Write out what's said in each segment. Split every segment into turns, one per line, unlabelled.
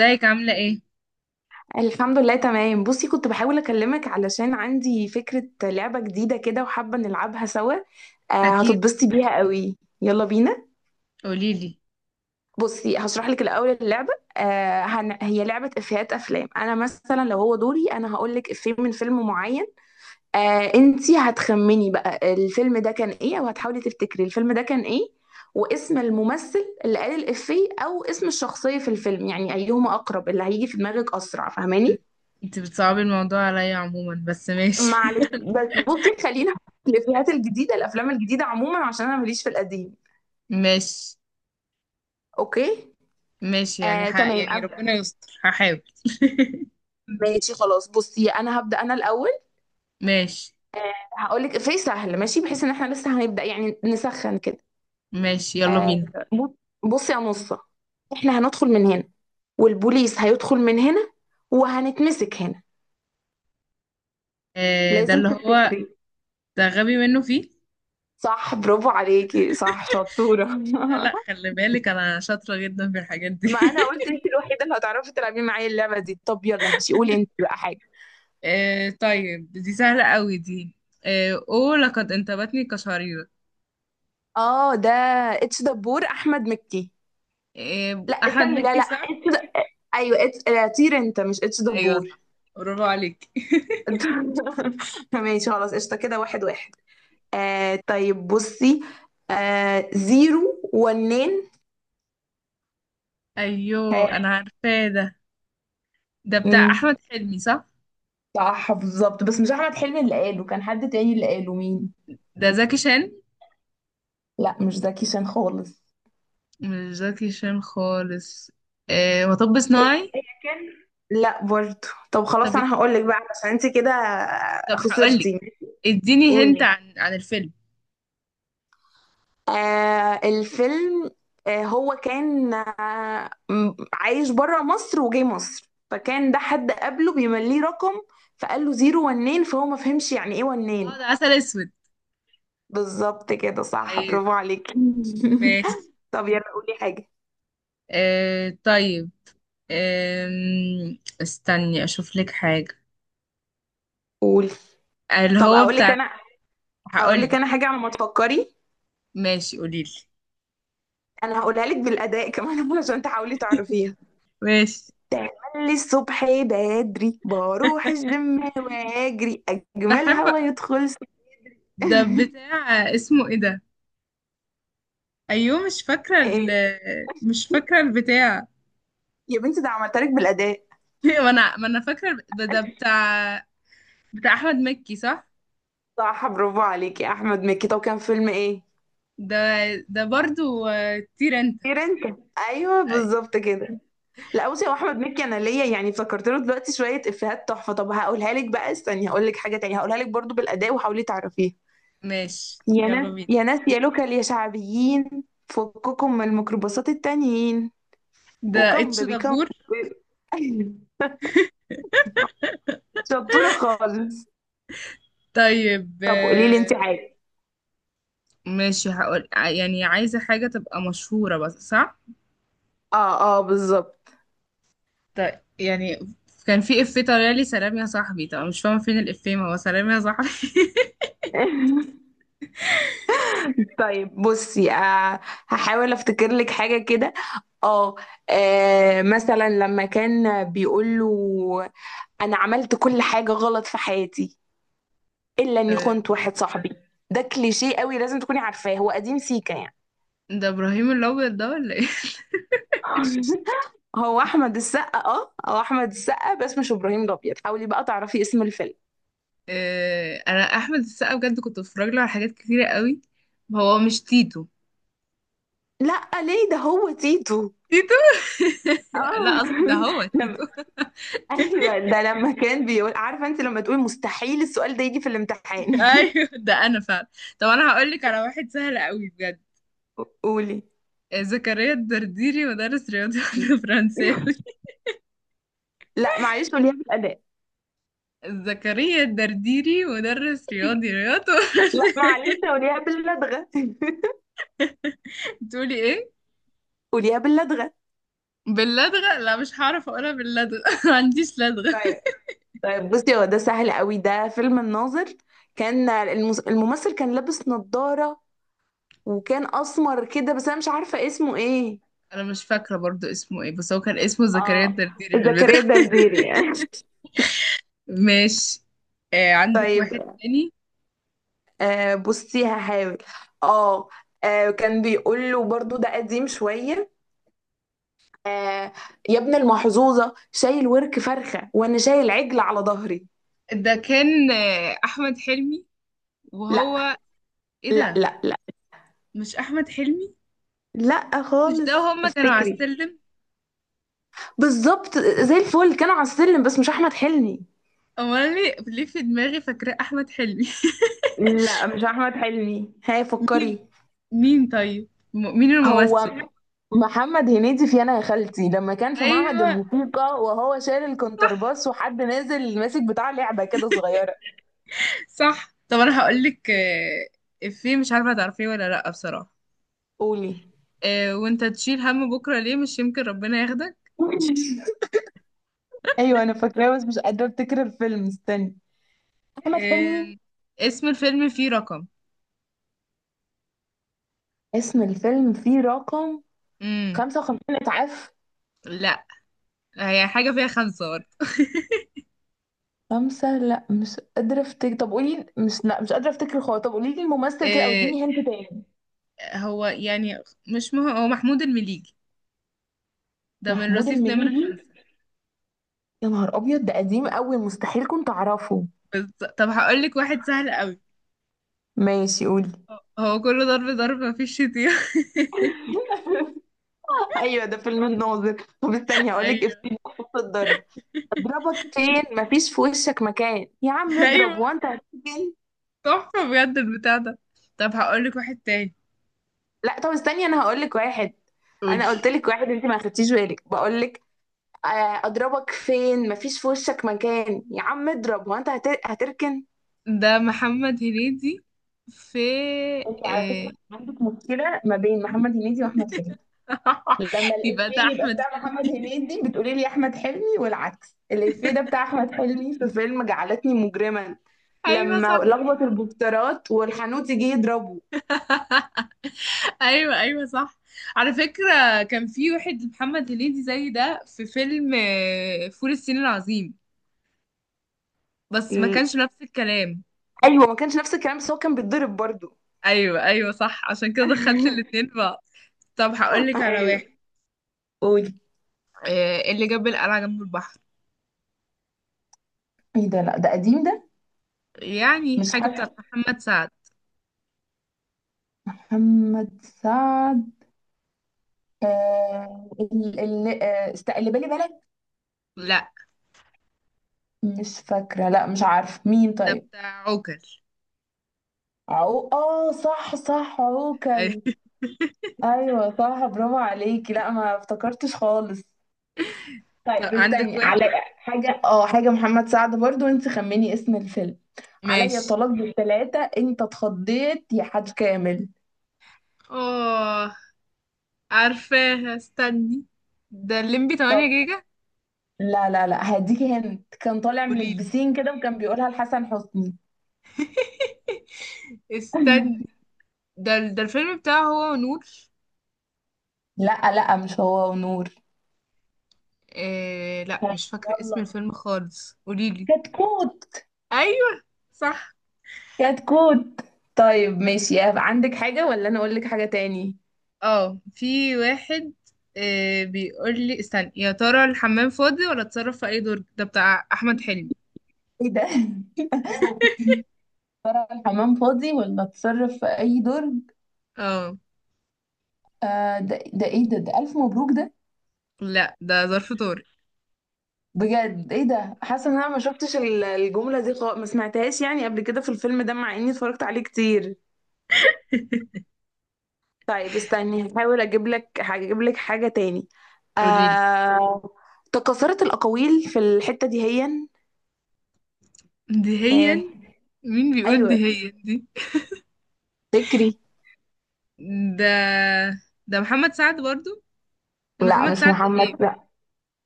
ازيك عاملة ايه؟
الحمد لله تمام. بصي، كنت بحاول اكلمك علشان عندي فكرة لعبة جديدة كده وحابة نلعبها سوا.
أكيد
هتتبسطي بيها قوي. يلا بينا.
قوليلي.
بصي هشرح لك الاول اللعبة. هي لعبة افيهات افلام. انا مثلا لو هو دوري انا هقول لك افيه من فيلم معين. انتي هتخمني بقى الفيلم ده كان ايه، او هتحاولي تفتكري الفيلم ده كان ايه، واسم الممثل اللي قال الافيه او اسم الشخصية في الفيلم، يعني ايهما اقرب اللي هيجي في دماغك اسرع، فاهماني.
انت بتصعبي الموضوع عليا عموما بس ماشي
معلش بس بصي، خلينا في الافيهات الجديده، الافلام الجديده عموما، عشان انا ماليش في القديم.
ماشي
اوكي.
ماشي يعني ح...
تمام
يعني
ابدا.
ربنا يستر هحاول
ماشي خلاص، بصي انا هبدا انا الاول.
ماشي
هقول لك افيه سهل ماشي، بحيث ان احنا لسه هنبدا يعني نسخن كده.
ماشي يلا
آه،
بينا.
بص- بصي يا نصه، احنا هندخل من هنا، والبوليس هيدخل من هنا، وهنتمسك هنا.
آه ده
لازم
اللي هو
تفتكري.
ده غبي منه فيه.
صح، برافو عليكي، صح شطورة.
لا لا خلي بالك، أنا شاطرة جدا في الحاجات دي
ما انا قلت انت الوحيدة اللي هتعرفي تلعبي معايا اللعبة دي. طب يلا ماشي، قولي انت بقى حاجة.
آه طيب دي سهلة قوي دي. آه أوه لقد انتابتني كشريرة.
اه ده اتش دبور، احمد مكي.
آه
لا
أحمد
استني، لا
مكي
لا
صح؟
ايوه اتش، طير انت، مش اتش
أيوه
دبور.
صح برافو عليك
ماشي خلاص، قشطه كده، واحد واحد. آه طيب بصي، آه زيرو ونين.
أيوه
ها.
أنا عارفاه ده. ده بتاع
امم،
احمد حلمي صح؟
صح بالظبط، بس مش احمد حلمي اللي قاله، كان حد تاني اللي قاله مين.
ده زكي شان.
لا مش زكي شان خالص.
مش زكي شان خالص. آه مطب
هي
صناعي.
هي كان. لا برضه. طب
طب
خلاص انا هقول لك بقى عشان انت كده
طب
خسرتي.
هقولك. اديني هنت
قولي.
عن الفيلم.
آه الفيلم، هو كان عايش بره مصر وجاي مصر، فكان ده حد قبله بيمليه رقم، فقال له زيرو ونين، فهو ما فهمش يعني ايه
اه
ونين.
ده عسل اسود.
بالظبط كده، صح
ايوه.
برافو عليك.
ماشي.
طب يلا قولي حاجة.
آه طيب. استني اشوف لك حاجه.
قولي.
اللي
طب
هو
اقول لك
بتاع.
انا، اقول
هقولك.
لك انا حاجة على ما تفكري.
ماشي قوليلي.
انا هقولها لك بالاداء كمان عشان تحاولي تعرفيها.
ماشي
تعملي الصبح بدري بروح الجيم واجري اجمل،
بحب.
هوا يدخل.
ده بتاع اسمه ايه ده؟ ايوه مش فاكره
ايه،
مش فاكره البتاع.
يا بنتي ده عملت لك بالأداء.
ما انا فاكره ده بتاع. بتاع احمد مكي صح؟
صح برافو عليك يا أحمد مكي، طب كان فيلم إيه؟
ده ده برضو طير انت.
طير أنت، أيوه
أي،
بالظبط كده. لا بصي، هو أحمد مكي أنا ليا يعني فكرت له دلوقتي شوية إفيهات تحفة. طب هقولها لك بقى، استني هقول لك حاجة تانية، هقولها لك برضو بالأداء وحاولي تعرفيها.
ماشي
يا
يلا
ناس
بينا.
يا ناس يا لوكال يا شعبيين، فككم من الميكروباصات التانيين
ده
وكم
اتش
بيبي كم.
دبور.
شطورة خالص.
طيب
طب قولي لي أنت حاجة.
ماشي هقول يعني عايزه حاجه تبقى مشهوره بس صح.
اه بالظبط.
طيب يعني كان في افيه طالع لي سلام يا صاحبي. طب أنا مش فاهمه فين الافيه، ما هو سلام يا صاحبي
طيب بصي، آه هحاول افتكر لك حاجة كده. اه، مثلا لما كان بيقول له: انا عملت كل حاجة غلط في حياتي، الا اني
آه،
خنت واحد صاحبي. ده كليشيه قوي، لازم تكوني عارفاه، هو قديم سيكا يعني.
ده ابراهيم الابيض ده ولا ايه؟
هو احمد السقا، اه هو احمد السقا، بس مش ابراهيم الابيض، حاولي بقى تعرفي اسم الفيلم.
آه، انا احمد السقا بجد كنت بتفرج له على حاجات كتيره قوي. هو مش تيتو؟
لا ليه، ده هو تيتو.
تيتو.
اه.
لا اصل ده هو
لما،
تيتو
ايوه ده لما كان بيقول: عارفه انت لما تقولي مستحيل السؤال ده يجي في الامتحان.
ايوه ده انا فعلا. طب انا هقول لك على واحد سهل قوي بجد.
قولي.
زكريا الدرديري مدرس رياضي ولا فرنساوي.
لا معلش قوليها بالأداء.
زكريا الدرديري مدرس رياضي رياضي
لا
وفرنساوي.
معلش قوليها باللدغة.
تقولي ايه؟
قوليها باللدغة.
باللدغة لا مش هعرف اقولها باللدغة ما عنديش لدغة.
طيب. طيب بصي، هو ده سهل قوي ده، فيلم الناظر. كان الممثل كان لابس نظارة، وكان أسمر كده، بس أنا مش عارفة اسمه إيه.
انا مش فاكرة برضو اسمه ايه، بس هو كان اسمه زكريا
اه،
الدرديري في
زكريا
البداية.
الدرديري يعني.
ماشي. آه عندك
طيب
واحد تاني.
آه بصي، هحاول. آه، كان بيقول له برضو، ده قديم شوية، آه: يا ابن المحظوظة، شايل ورك فرخة وانا شايل عجل على ظهري.
ده كان احمد حلمي.
لا
وهو ايه
لا
ده؟
لا لا
مش احمد حلمي.
لا
مش ده
خالص.
هما كانوا على
افتكري.
السلم.
بالظبط زي الفل، كان على السلم، بس مش احمد حلمي.
امال ليه؟ ليه في دماغي فاكرة احمد حلمي؟
لا مش احمد حلمي، هاي
مين؟
فكري.
مين طيب؟ مين الممثل؟
هو محمد هنيدي في انا يا خالتي، لما كان في معهد
ايوه
الموسيقى وهو شايل الكونترباس، وحد نازل ماسك بتاع لعبة كده صغيرة.
صح. طب انا هقول لك افيه مش عارفه هتعرفيه ولا لا بصراحه.
قولي.
آه، وانت تشيل هم بكره ليه، مش يمكن ربنا ياخدك.
ايوه انا فاكراه، بس مش قادره افتكر الفيلم، استني. احمد حلمي.
آه، اسم الفيلم فيه رقم.
اسم الفيلم فيه رقم.
امم.
55 اتعاف.
لا. هي حاجه فيها خمسه برضه.
خمسة، لا مش قادرة افتكر، طب قولي، مش قادرة افتكر خالص، طب قولي لي الممثل كده او
آه،
اديني هنت تاني.
هو يعني مش هو محمود المليجي. ده من
محمود
رصيف نمرة
المليجي.
خمسة.
يا نهار ابيض، ده قديم قوي، مستحيل كنت اعرفه.
بز... طب هقول لك واحد سهل قوي.
ماشي قولي.
هو كله ضرب ضرب مفيش شتيمة.
ايوه ده فيلم الناظر، طب استني هقول لك
ايوه
افتكر خط الضرب: اضربك فين مفيش في وشك مكان، يا عم اضرب
ايوه
وانت هتسجن.
تحفة بجد البتاع ده. طب هقول لك واحد تاني.
لا طب استني، انا هقول لك واحد.
قولي.
انا قلت لك واحد انت ما خدتيش بالك، بقول لك: اضربك فين مفيش في وشك مكان، يا عم اضرب، هو انت هتركن.
ده محمد هنيدي. في
انت على فكره
إيه...
عندك مشكله ما بين محمد هنيدي واحمد حلمي. لما
يبقى ده
الافيه يبقى
احمد
بتاع محمد
حلمي.
هنيدي بتقولي لي احمد حلمي، والعكس. الافيه ده بتاع احمد حلمي في فيلم جعلتني مجرما،
ايوه
لما
صح.
لخبط البوسترات والحانوت يجي يضربه.
ايوه ايوه صح. على فكرة كان في واحد محمد هنيدي زي ده في فيلم فول الصين العظيم. بس ما
ال-
كانش نفس الكلام.
ايوه ما كانش نفس الكلام بس هو كان بيتضرب برضو.
ايوه ايوه صح عشان كده دخلت الاتنين في بعض. طب هقول لك على واحد.
ايوه قولي.
إيه اللي جاب القلعة جنب البحر؟
ايه ده، لا ده قديم ده،
يعني
مش
حاجة بتاعت
حلو.
محمد سعد.
محمد سعد. اللي بالي بالك.
لا
مش فاكرة، لا مش عارفة مين
ده
طيب.
بتاع عوكل.
عو، اه صح صح
أيوة.
عوكل. ايوه صح برافو عليكي، لا ما افتكرتش خالص.
طب
طيب
عندك
استني على
واحد.
حاجة، اه حاجة محمد سعد برضو، انت خمني اسم الفيلم: عليا
ماشي.
طلاق بالثلاثة انت اتخضيت يا حاج كامل.
اه عارفاها استني. ده الليمبي 8
طب.
جيجا.
لا هديكي هنت، كان طالع من
قوليلي.
البسين كده، وكان بيقولها لحسن حسني.
استني. ده الفيلم بتاعه هو ونور.
لا لا مش هو ونور.
إيه لا
طيب،
مش فاكرة اسم
يلا،
الفيلم خالص قوليلي.
كتكوت.
ايوه صح.
كتكوت. طيب ماشي، عندك حاجة ولا أنا أقول لك حاجة تاني؟
اه في واحد. آه بيقول لي استنى، يا ترى الحمام فاضي ولا اتصرف في اي دور. ده بتاع احمد حلمي.
إيه ده، ترى الحمام فاضي ولا اتصرف في أي درج.
اه.
آه ده ده إيه ده، ده ألف مبروك ده.
لا ده ظرف طارق.
بجد إيه ده،
اه.
حاسة إن أنا ما شفتش الجملة دي خالص، ما سمعتهاش يعني قبل كده في الفيلم ده، مع إني اتفرجت عليه كتير. طيب استني هحاول أجيب لك، هجيب لك حاجة تاني.
قوليلي.
آه، تكاثرت الأقاويل في الحتة دي هيا. ها
دهيا. مين بيقول
أيوه
دهيا دي؟
فكري.
ده محمد سعد برضو.
لا
محمد
مش
سعد ايه؟
محمد،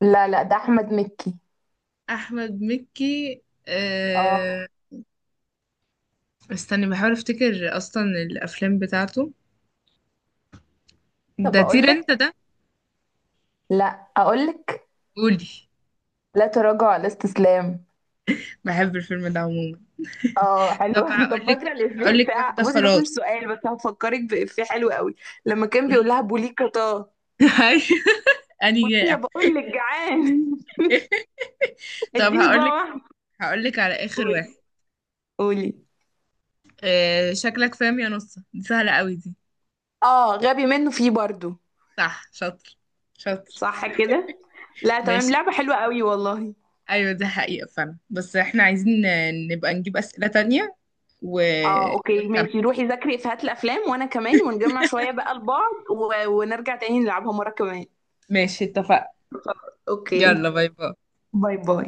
لا ده احمد مكي.
احمد مكي.
اه.
آه... استني بحاول افتكر اصلا الافلام بتاعته.
طب
ده طير
اقول
انت
لك،
ده.
لا اقول لك:
قولي.
لا تراجع على استسلام.
بحب الفيلم ده عموما.
اه حلو.
طب
طب
هقولك
فاكره الافيه
هقولك
بتاع،
واحدة
بصي ده
خلاص.
مش سؤال، بس هفكرك بافيه حلو قوي، لما كان
قولي.
بيقول لها: بوليكا طه.
هاي. أني
قولي يا،
جائع.
بقول لك جعان.
طب
اديني صباع
هقولك
واحد.
هقولك على آخر
قولي.
واحد.
قولي.
آه شكلك فاهم يا نصة، دي سهلة قوي دي.
اه غبي منه فيه برضو.
صح شاطر شاطر.
صح كده. لا تمام،
ماشي.
لعبه حلوه قوي والله.
أيوة دي حقيقة فعلا، بس احنا عايزين نبقى نجيب أسئلة تانية و...
اه اوكي
ونكمل.
ماشي، روحي ذاكري افيهات الافلام وانا كمان، ونجمع شويه بقى لبعض، ونرجع تاني نلعبها مره كمان.
ماشي اتفقنا.
اوكي.
يلا باي باي.
باي باي.